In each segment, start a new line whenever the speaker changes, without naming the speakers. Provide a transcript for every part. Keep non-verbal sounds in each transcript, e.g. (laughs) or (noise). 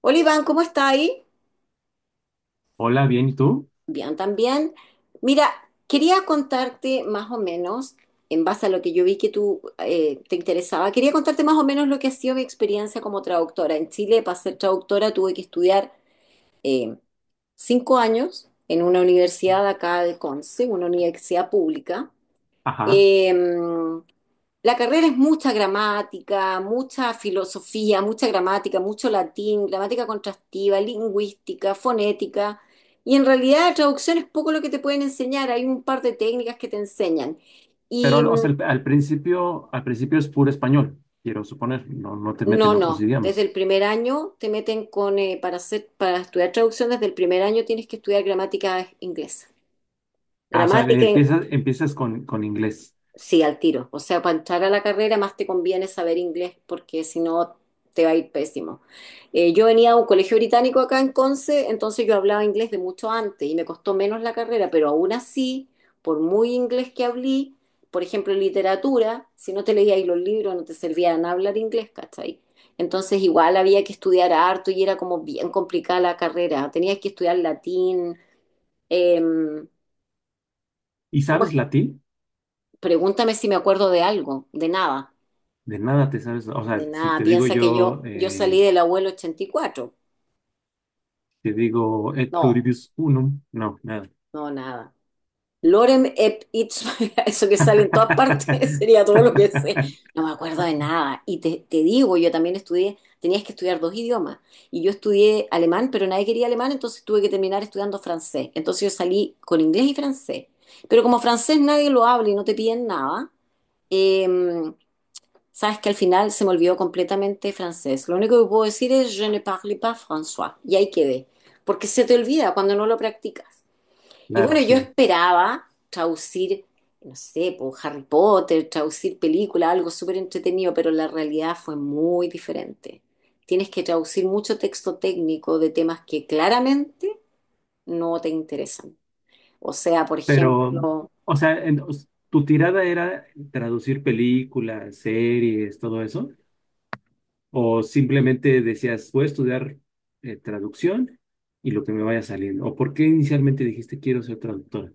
Hola Iván, ¿cómo está ahí?
Hola, bien, ¿y tú?
Bien, también. Mira, quería contarte más o menos, en base a lo que yo vi que tú te interesaba, quería contarte más o menos lo que ha sido mi experiencia como traductora. En Chile, para ser traductora, tuve que estudiar eh, 5 años en una universidad de acá del Conce, una universidad pública.
Ajá.
Eh, la carrera es mucha gramática, mucha filosofía, mucha gramática, mucho latín, gramática contrastiva, lingüística, fonética. Y en realidad la traducción es poco lo que te pueden enseñar, hay un par de técnicas que te enseñan.
Pero
Y
al- o
mm,
sea, al, al principio, al principio es puro español, quiero suponer, no, no te
no,
meten otros
no, desde
idiomas.
el primer año te meten con, para hacer, para estudiar traducción, desde el primer año tienes que estudiar gramática inglesa.
Ah, o sea,
Gramática, in-
empiezas con inglés.
Sí, al tiro. O sea, para entrar a la carrera más te conviene saber inglés porque si no te va a ir pésimo. Yo venía a un colegio británico acá en Conce, entonces yo hablaba inglés de mucho antes y me costó menos la carrera, pero aún así, por muy inglés que hablé, por ejemplo, en literatura, si no te leíais los libros no te servían hablar inglés, ¿cachai? Entonces igual había que estudiar harto y era como bien complicada la carrera. Tenías que estudiar latín. em,
¿Y
¿Cómo es?
sabes latín?
Pregúntame si me acuerdo de algo, de nada.
De nada te sabes. O sea,
De
si
nada,
te digo
piensa que
yo,
yo salí del abuelo 84.
te digo et
No,
pluribus unum, no, nada.
no, nada. Lorem ep ipsum, (laughs) eso que sale en todas partes, (laughs) sería todo lo que sé.
(laughs)
No me acuerdo de nada. Y te digo, yo también estudié, tenías que estudiar 2 idiomas. Y yo estudié alemán, pero nadie quería alemán, entonces tuve que terminar estudiando francés. Entonces yo salí con inglés y francés. Pero como francés nadie lo habla y no te piden nada, eh, sabes que al final se me olvidó completamente francés. Lo único que puedo decir es je ne parle pas François. Y ahí quedé. Porque se te olvida cuando no lo practicas. Y
Claro,
bueno, yo
sí.
esperaba traducir, no sé, por Harry Potter, traducir película, algo súper entretenido, pero la realidad fue muy diferente. Tienes que traducir mucho texto técnico de temas que claramente no te interesan. O sea, por
Pero,
ejemplo,
o sea, tu tirada era traducir películas, series, todo eso. O simplemente decías, voy a estudiar traducción y lo que me vaya saliendo. ¿O por qué inicialmente dijiste quiero ser traductora?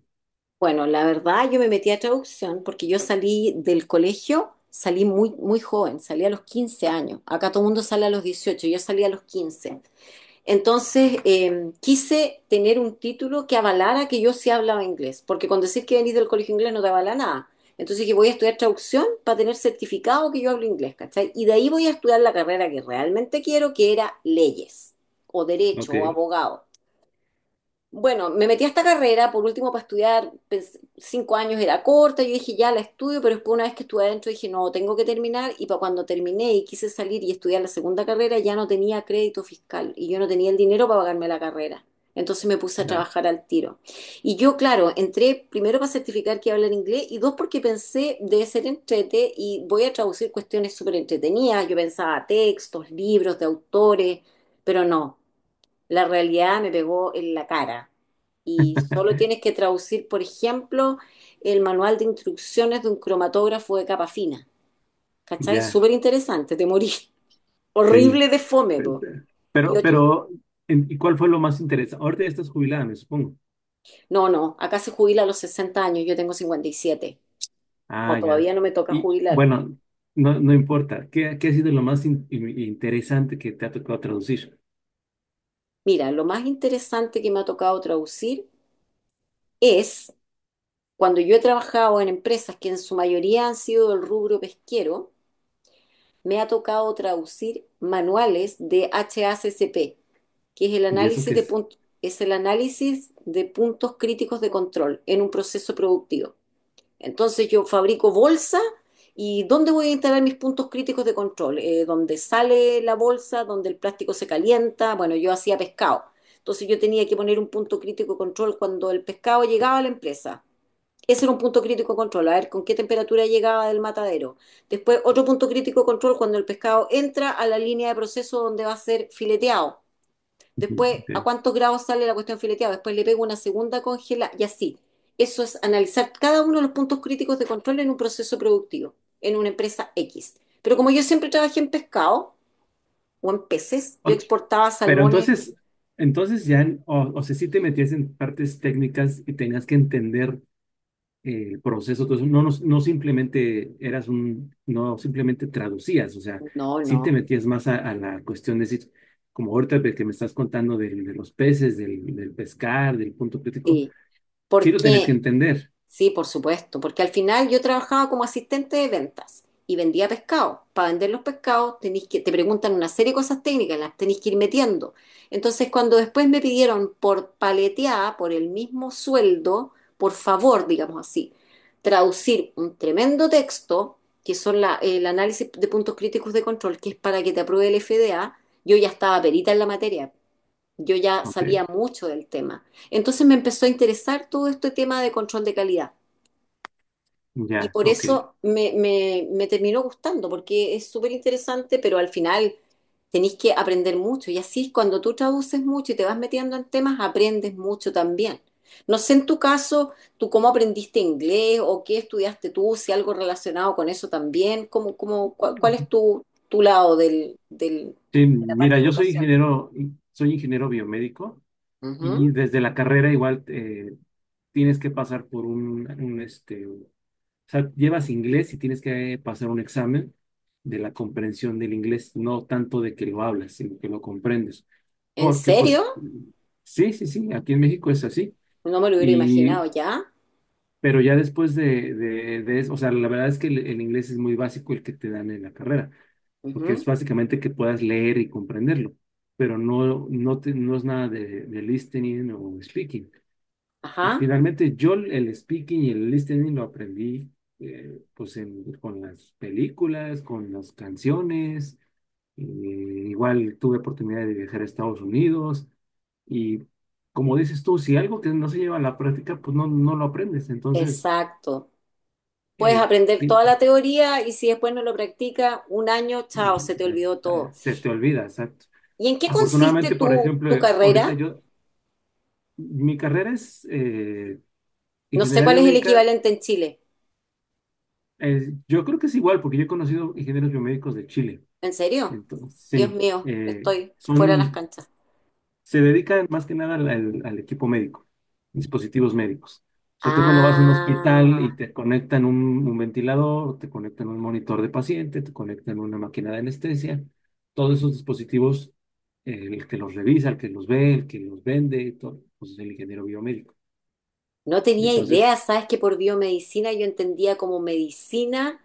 bueno, la verdad yo me metí a traducción porque yo salí del colegio, salí muy, muy joven, salí a los 15 años. Acá todo el mundo sale a los 18, yo salí a los 15. Entonces quise tener un título que avalara que yo sí hablaba inglés, porque con decir que venís del colegio inglés no te avala nada. Entonces dije, voy a estudiar traducción para tener certificado que yo hablo inglés, ¿cachai? Y de ahí voy a estudiar la carrera que realmente quiero, que era leyes, o derecho, o
Ok,
abogado. Bueno, me metí a esta carrera, por último, para estudiar, 5 años era corta, yo dije, ya la estudio, pero después una vez que estuve adentro dije, no, tengo que terminar, y para cuando terminé y quise salir y estudiar la segunda carrera, ya no tenía crédito fiscal y yo no tenía el dinero para pagarme la carrera. Entonces me puse a
la-
trabajar al tiro. Y yo, claro, entré primero para certificar que iba a hablar inglés y dos porque pensé, debe ser entrete y voy a traducir cuestiones súper entretenidas. Yo pensaba textos, libros de autores, pero no, la realidad me pegó en la cara. Y solo tienes que traducir, por ejemplo, el manual de instrucciones de un cromatógrafo de capa fina. ¿Cachai?
ya,
Súper interesante, te morí. (laughs)
sí.
Horrible de fome,
Pe-
po.
pe-
Y
Pero,
ocho...
pero, ¿Y cuál fue lo más interesante? Ahorita ya estás jubilada, me supongo.
No, no, acá se jubila a los 60 años, yo tengo 57. No,
Ah, ya.
todavía no me toca
Y
jubilar.
bueno, no, no importa. ¿Qué ha sido lo más interesante que te ha tocado traducir?
Mira, lo más interesante que me ha tocado traducir es cuando yo he trabajado en empresas que en su mayoría han sido del rubro pesquero, me ha tocado traducir manuales de HACCP, que es el
¿Y eso
análisis
qué
de,
es?
es el análisis de puntos críticos de control en un proceso productivo. Entonces yo fabrico bolsa y ¿dónde voy a instalar mis puntos críticos de control? Donde sale la bolsa, donde el plástico se calienta. Bueno, yo hacía pescado. Entonces yo tenía que poner un punto crítico de control cuando el pescado llegaba a la empresa. Ese era un punto crítico de control, a ver con qué temperatura llegaba del matadero. Después, otro punto crítico de control cuando el pescado entra a la línea de proceso donde va a ser fileteado.
Ujú,
Después, a
ok.
cuántos grados sale la cuestión fileteada. Después le pego una segunda congela y así. Eso es analizar cada uno de los puntos críticos de control en un proceso productivo, en una empresa X. Pero como yo siempre trabajé en pescado o en peces, yo
O-
exportaba
pero
salmones.
entonces, entonces ya, o sea, si te metías en partes técnicas y tenías que entender el proceso, todo eso, no, no, simplemente eras un, no simplemente traducías, o sea,
No,
sí
no.
te metías más a la cuestión de decir, como ahorita de que me estás contando de, los peces, del, del pescar, del punto crítico,
Sí.
sí lo tenés que
Porque
entender.
sí, por supuesto, porque al final yo trabajaba como asistente de ventas y vendía pescado. Para vender los pescados tenés que, te preguntan una serie de cosas técnicas, las tenés que ir metiendo. Entonces, cuando después me pidieron por paleteada, por el mismo sueldo, por favor, digamos así, traducir un tremendo texto, que son el análisis de puntos críticos de control, que es para que te apruebe el FDA, yo ya estaba perita en la materia. Yo ya
Ok,
sabía mucho del tema. Entonces me empezó a interesar todo este tema de control de calidad. Y
ya,
por
ok.
eso me terminó gustando, porque es súper interesante, pero al final tenés que aprender mucho. Y así cuando tú traduces mucho y te vas metiendo en temas, aprendes mucho también. No sé en tu caso, tú cómo aprendiste inglés o qué estudiaste tú, si algo relacionado con eso también, cómo, cómo, cuál, cuál es tu, tu lado
Sí,
de la
mira,
parte de
yo
educación.
soy ingeniero biomédico y
Ujú.
desde la carrera igual tienes que pasar por un, este. O sea, llevas inglés y tienes que pasar un examen de la comprensión del inglés, no tanto de que lo hablas, sino que lo comprendes.
¿En
Porque, pues,
serio?
sí, sí, sí, aquí en México es así.
No me lo hubiera
Y,
imaginado ya.
pero ya después de eso, o sea, la verdad es que el inglés es muy básico el que te dan en la carrera, porque es
Ujú.
básicamente que puedas leer y comprenderlo, pero no, no, no es nada de, de listening o speaking.
Ajá,
Finalmente, yo el speaking y el listening lo aprendí pues con las películas, con las canciones. Igual tuve oportunidad de viajar a Estados Unidos y como dices tú, si algo que no se lleva a la práctica, pues no, no lo aprendes. Entonces,
exacto. Puedes
eh,
aprender
pi-
toda la teoría y si después no lo practicas, un año,
mm,
chao, se te olvidó todo.
se te olvida, exacto.
¿Y en qué consiste
Afortunadamente, por
tu,
ejemplo,
tu
ahorita
carrera?
yo, mi carrera es
No sé
ingeniería
cuál es el
biomédica.
equivalente en Chile.
Yo creo que es igual porque yo he conocido ingenieros biomédicos de Chile.
¿En serio?
Entonces,
Dios
sí,
mío, estoy fuera de las
son,
canchas.
se dedican más que nada al, al equipo médico, dispositivos médicos. O sea, tú cuando vas a un hospital y
Ah.
te conectan un ventilador, te conectan un monitor de paciente, te conectan una máquina de anestesia, todos esos dispositivos, el que los revisa, el que los ve, el que los vende, todo, pues es el ingeniero biomédico.
No tenía idea,
Entonces,
sabes que por biomedicina yo entendía como medicina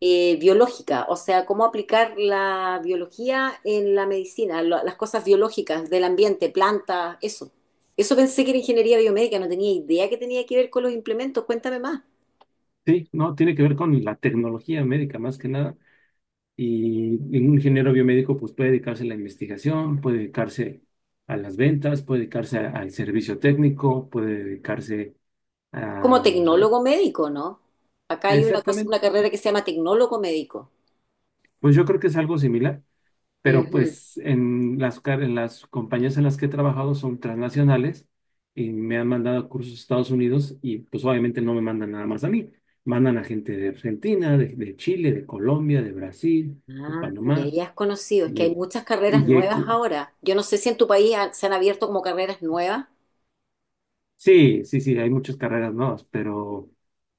biológica, o sea, cómo aplicar la biología en la medicina, las cosas biológicas del ambiente, plantas, eso. Eso pensé que era ingeniería biomédica, no tenía idea que tenía que ver con los implementos, cuéntame más.
sí, no, tiene que ver con la tecnología médica más que nada. Y un ingeniero biomédico pues puede dedicarse a la investigación, puede dedicarse a las ventas, puede dedicarse al servicio técnico, puede dedicarse a...
Como tecnólogo médico, ¿no? Acá hay una cosa, una
Exactamente.
carrera que se llama tecnólogo médico.
Pues yo creo que es algo similar, pero
Ujú.
pues en las, en las compañías en las que he trabajado son transnacionales y me han mandado cursos a Estados Unidos y pues obviamente no me mandan nada más a mí. Mandan a gente de Argentina, de Chile, de Colombia, de Brasil, de
Ah, y
Panamá.
ahí has conocido, es que
Y,
hay muchas carreras
y, he
nuevas
co-
ahora. Yo no sé si en tu país se han abierto como carreras nuevas.
Sí, sí, sí, hay muchas carreras nuevas, pero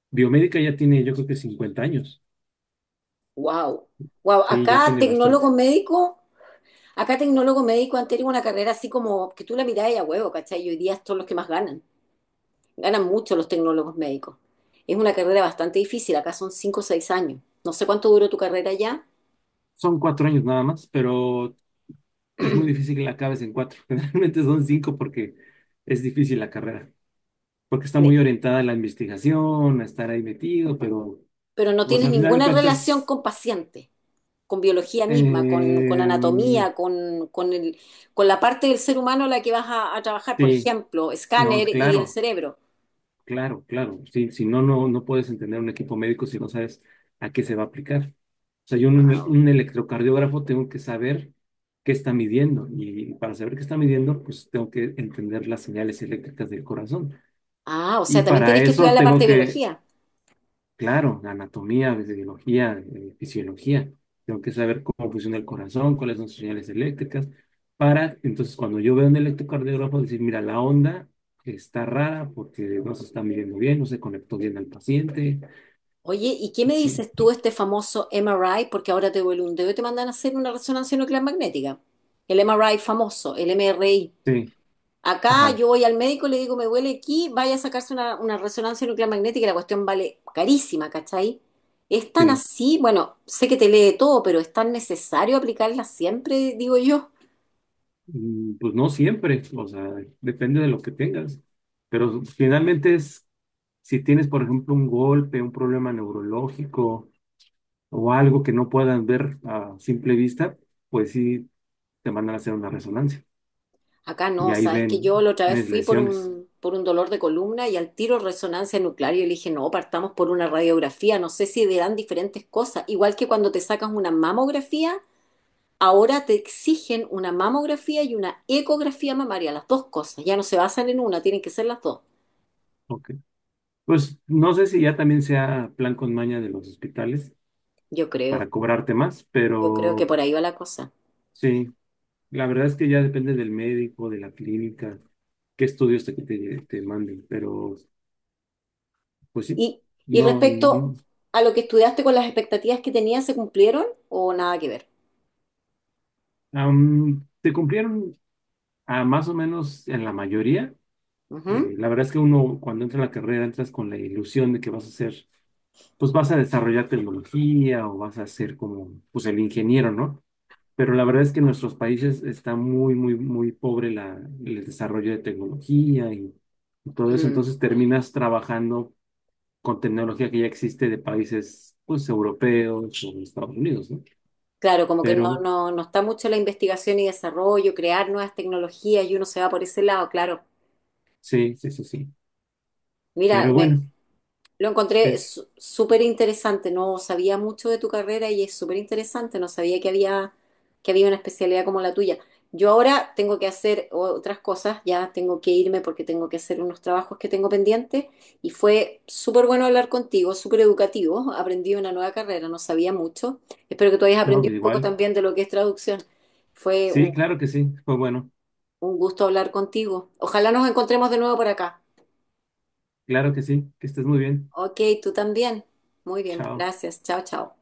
biomédica ya tiene, yo creo que 50 años.
Wow, wow.
Sí, ya tiene bastante.
Acá tecnólogo médico han tenido una carrera así como que tú la mirás y a huevo, ¿cachai? Y hoy día son los que más ganan. Ganan mucho los tecnólogos médicos. Es una carrera bastante difícil, acá son 5 o 6 años. No sé cuánto duró tu carrera ya,
Son 4 años nada más, pero es muy difícil que la acabes en 4. (laughs) Generalmente son 5 porque es difícil la carrera, porque está
ne-
muy orientada a la investigación, a estar ahí metido, pero
pero no
pues
tienes
al final de
ninguna relación
cuentas,
con pacientes, con biología misma, con
eh,
anatomía, con, con la parte del ser humano a la que vas a trabajar, por
sí,
ejemplo,
no,
escáner y el
claro.
cerebro.
Claro, claro. Sí, si no, no, no puedes entender un equipo médico si no sabes a qué se va a aplicar. O sea, yo en un,
Wow.
un electrocardiógrafo tengo que saber qué está midiendo y para saber qué está midiendo, pues tengo que entender las señales eléctricas del corazón.
Ah, o
Y
sea, también
para
tienes que estudiar
eso
la
tengo
parte de
que...
biología.
Claro, anatomía, biología, fisiología. Tengo que saber cómo funciona el corazón, cuáles son sus señales eléctricas, para entonces cuando yo veo un electrocardiograma decir, mira, la onda está rara porque no se está midiendo bien, no se conectó bien al paciente.
Oye, ¿y qué me
Sí,
dices tú este famoso MRI? Porque ahora te duele un dedo y te mandan a hacer una resonancia nuclear magnética. El MRI famoso, el MRI.
sí,
Acá
ajá,
yo voy al médico y le digo, me duele aquí, vaya a sacarse una resonancia nuclear magnética y la cuestión vale carísima, ¿cachai? ¿Es tan
sí.
así? Bueno, sé que te lee todo, pero ¿es tan necesario aplicarla siempre, digo yo?
Pues no siempre, o sea, depende de lo que tengas. Pero finalmente es, si tienes, por ejemplo, un golpe, un problema neurológico o algo que no puedan ver a simple vista, pues sí te mandan a hacer una resonancia
Acá
y
no,
ahí
sabes que
ven,
yo la otra vez
tienes
fui
lesiones.
por un dolor de columna y al tiro resonancia nuclear. Y yo le dije, no, partamos por una radiografía, no sé si dan diferentes cosas. Igual que cuando te sacas una mamografía, ahora te exigen una mamografía y una ecografía mamaria, las dos cosas. Ya no se basan en una, tienen que ser las dos.
Ok. Pues no sé si ya también sea plan con maña de los hospitales
Yo
para
creo,
cobrarte más,
yo creo que
pero
por ahí va la cosa.
sí, la verdad es que ya depende del médico, de la clínica, qué estudios te, te, te manden, pero pues sí,
Y, y
no.
respecto a lo que estudiaste con las expectativas que tenías, ¿se cumplieron o nada que ver?
Te cumplieron a más o menos en la mayoría.
Ujú.
La verdad es que uno cuando entra en la carrera entras con la ilusión de que vas a hacer, pues vas a desarrollar tecnología o vas a ser como, pues el ingeniero, ¿no? Pero la verdad es que en nuestros países está muy, muy, muy pobre la, el desarrollo de tecnología y todo eso.
Mm.
Entonces terminas trabajando con tecnología que ya existe de países, pues, europeos o de Estados Unidos, ¿no?
Claro, como que no,
Pero
no, no está mucho la investigación y desarrollo, crear nuevas tecnologías y uno se va por ese lado, claro.
sí, sí, sí, sí.
Mira,
Pero
me,
bueno,
lo encontré
es,
súper interesante, no sabía mucho de tu carrera y es súper interesante, no sabía que había una especialidad como la tuya. Yo ahora tengo que hacer otras cosas, ya tengo que irme porque tengo que hacer unos trabajos que tengo pendientes y fue súper bueno hablar contigo, súper educativo, aprendí una nueva carrera, no sabía mucho. Espero que tú hayas
no,
aprendido un poco
igual.
también de lo que es traducción. Fue un
Sí, claro que sí. Pues bueno,
Un gusto hablar contigo. Ojalá nos encontremos de nuevo por acá.
claro que sí. Que estés muy bien.
Ok, tú también. Muy bien,
Chao.
gracias. Chao, chao.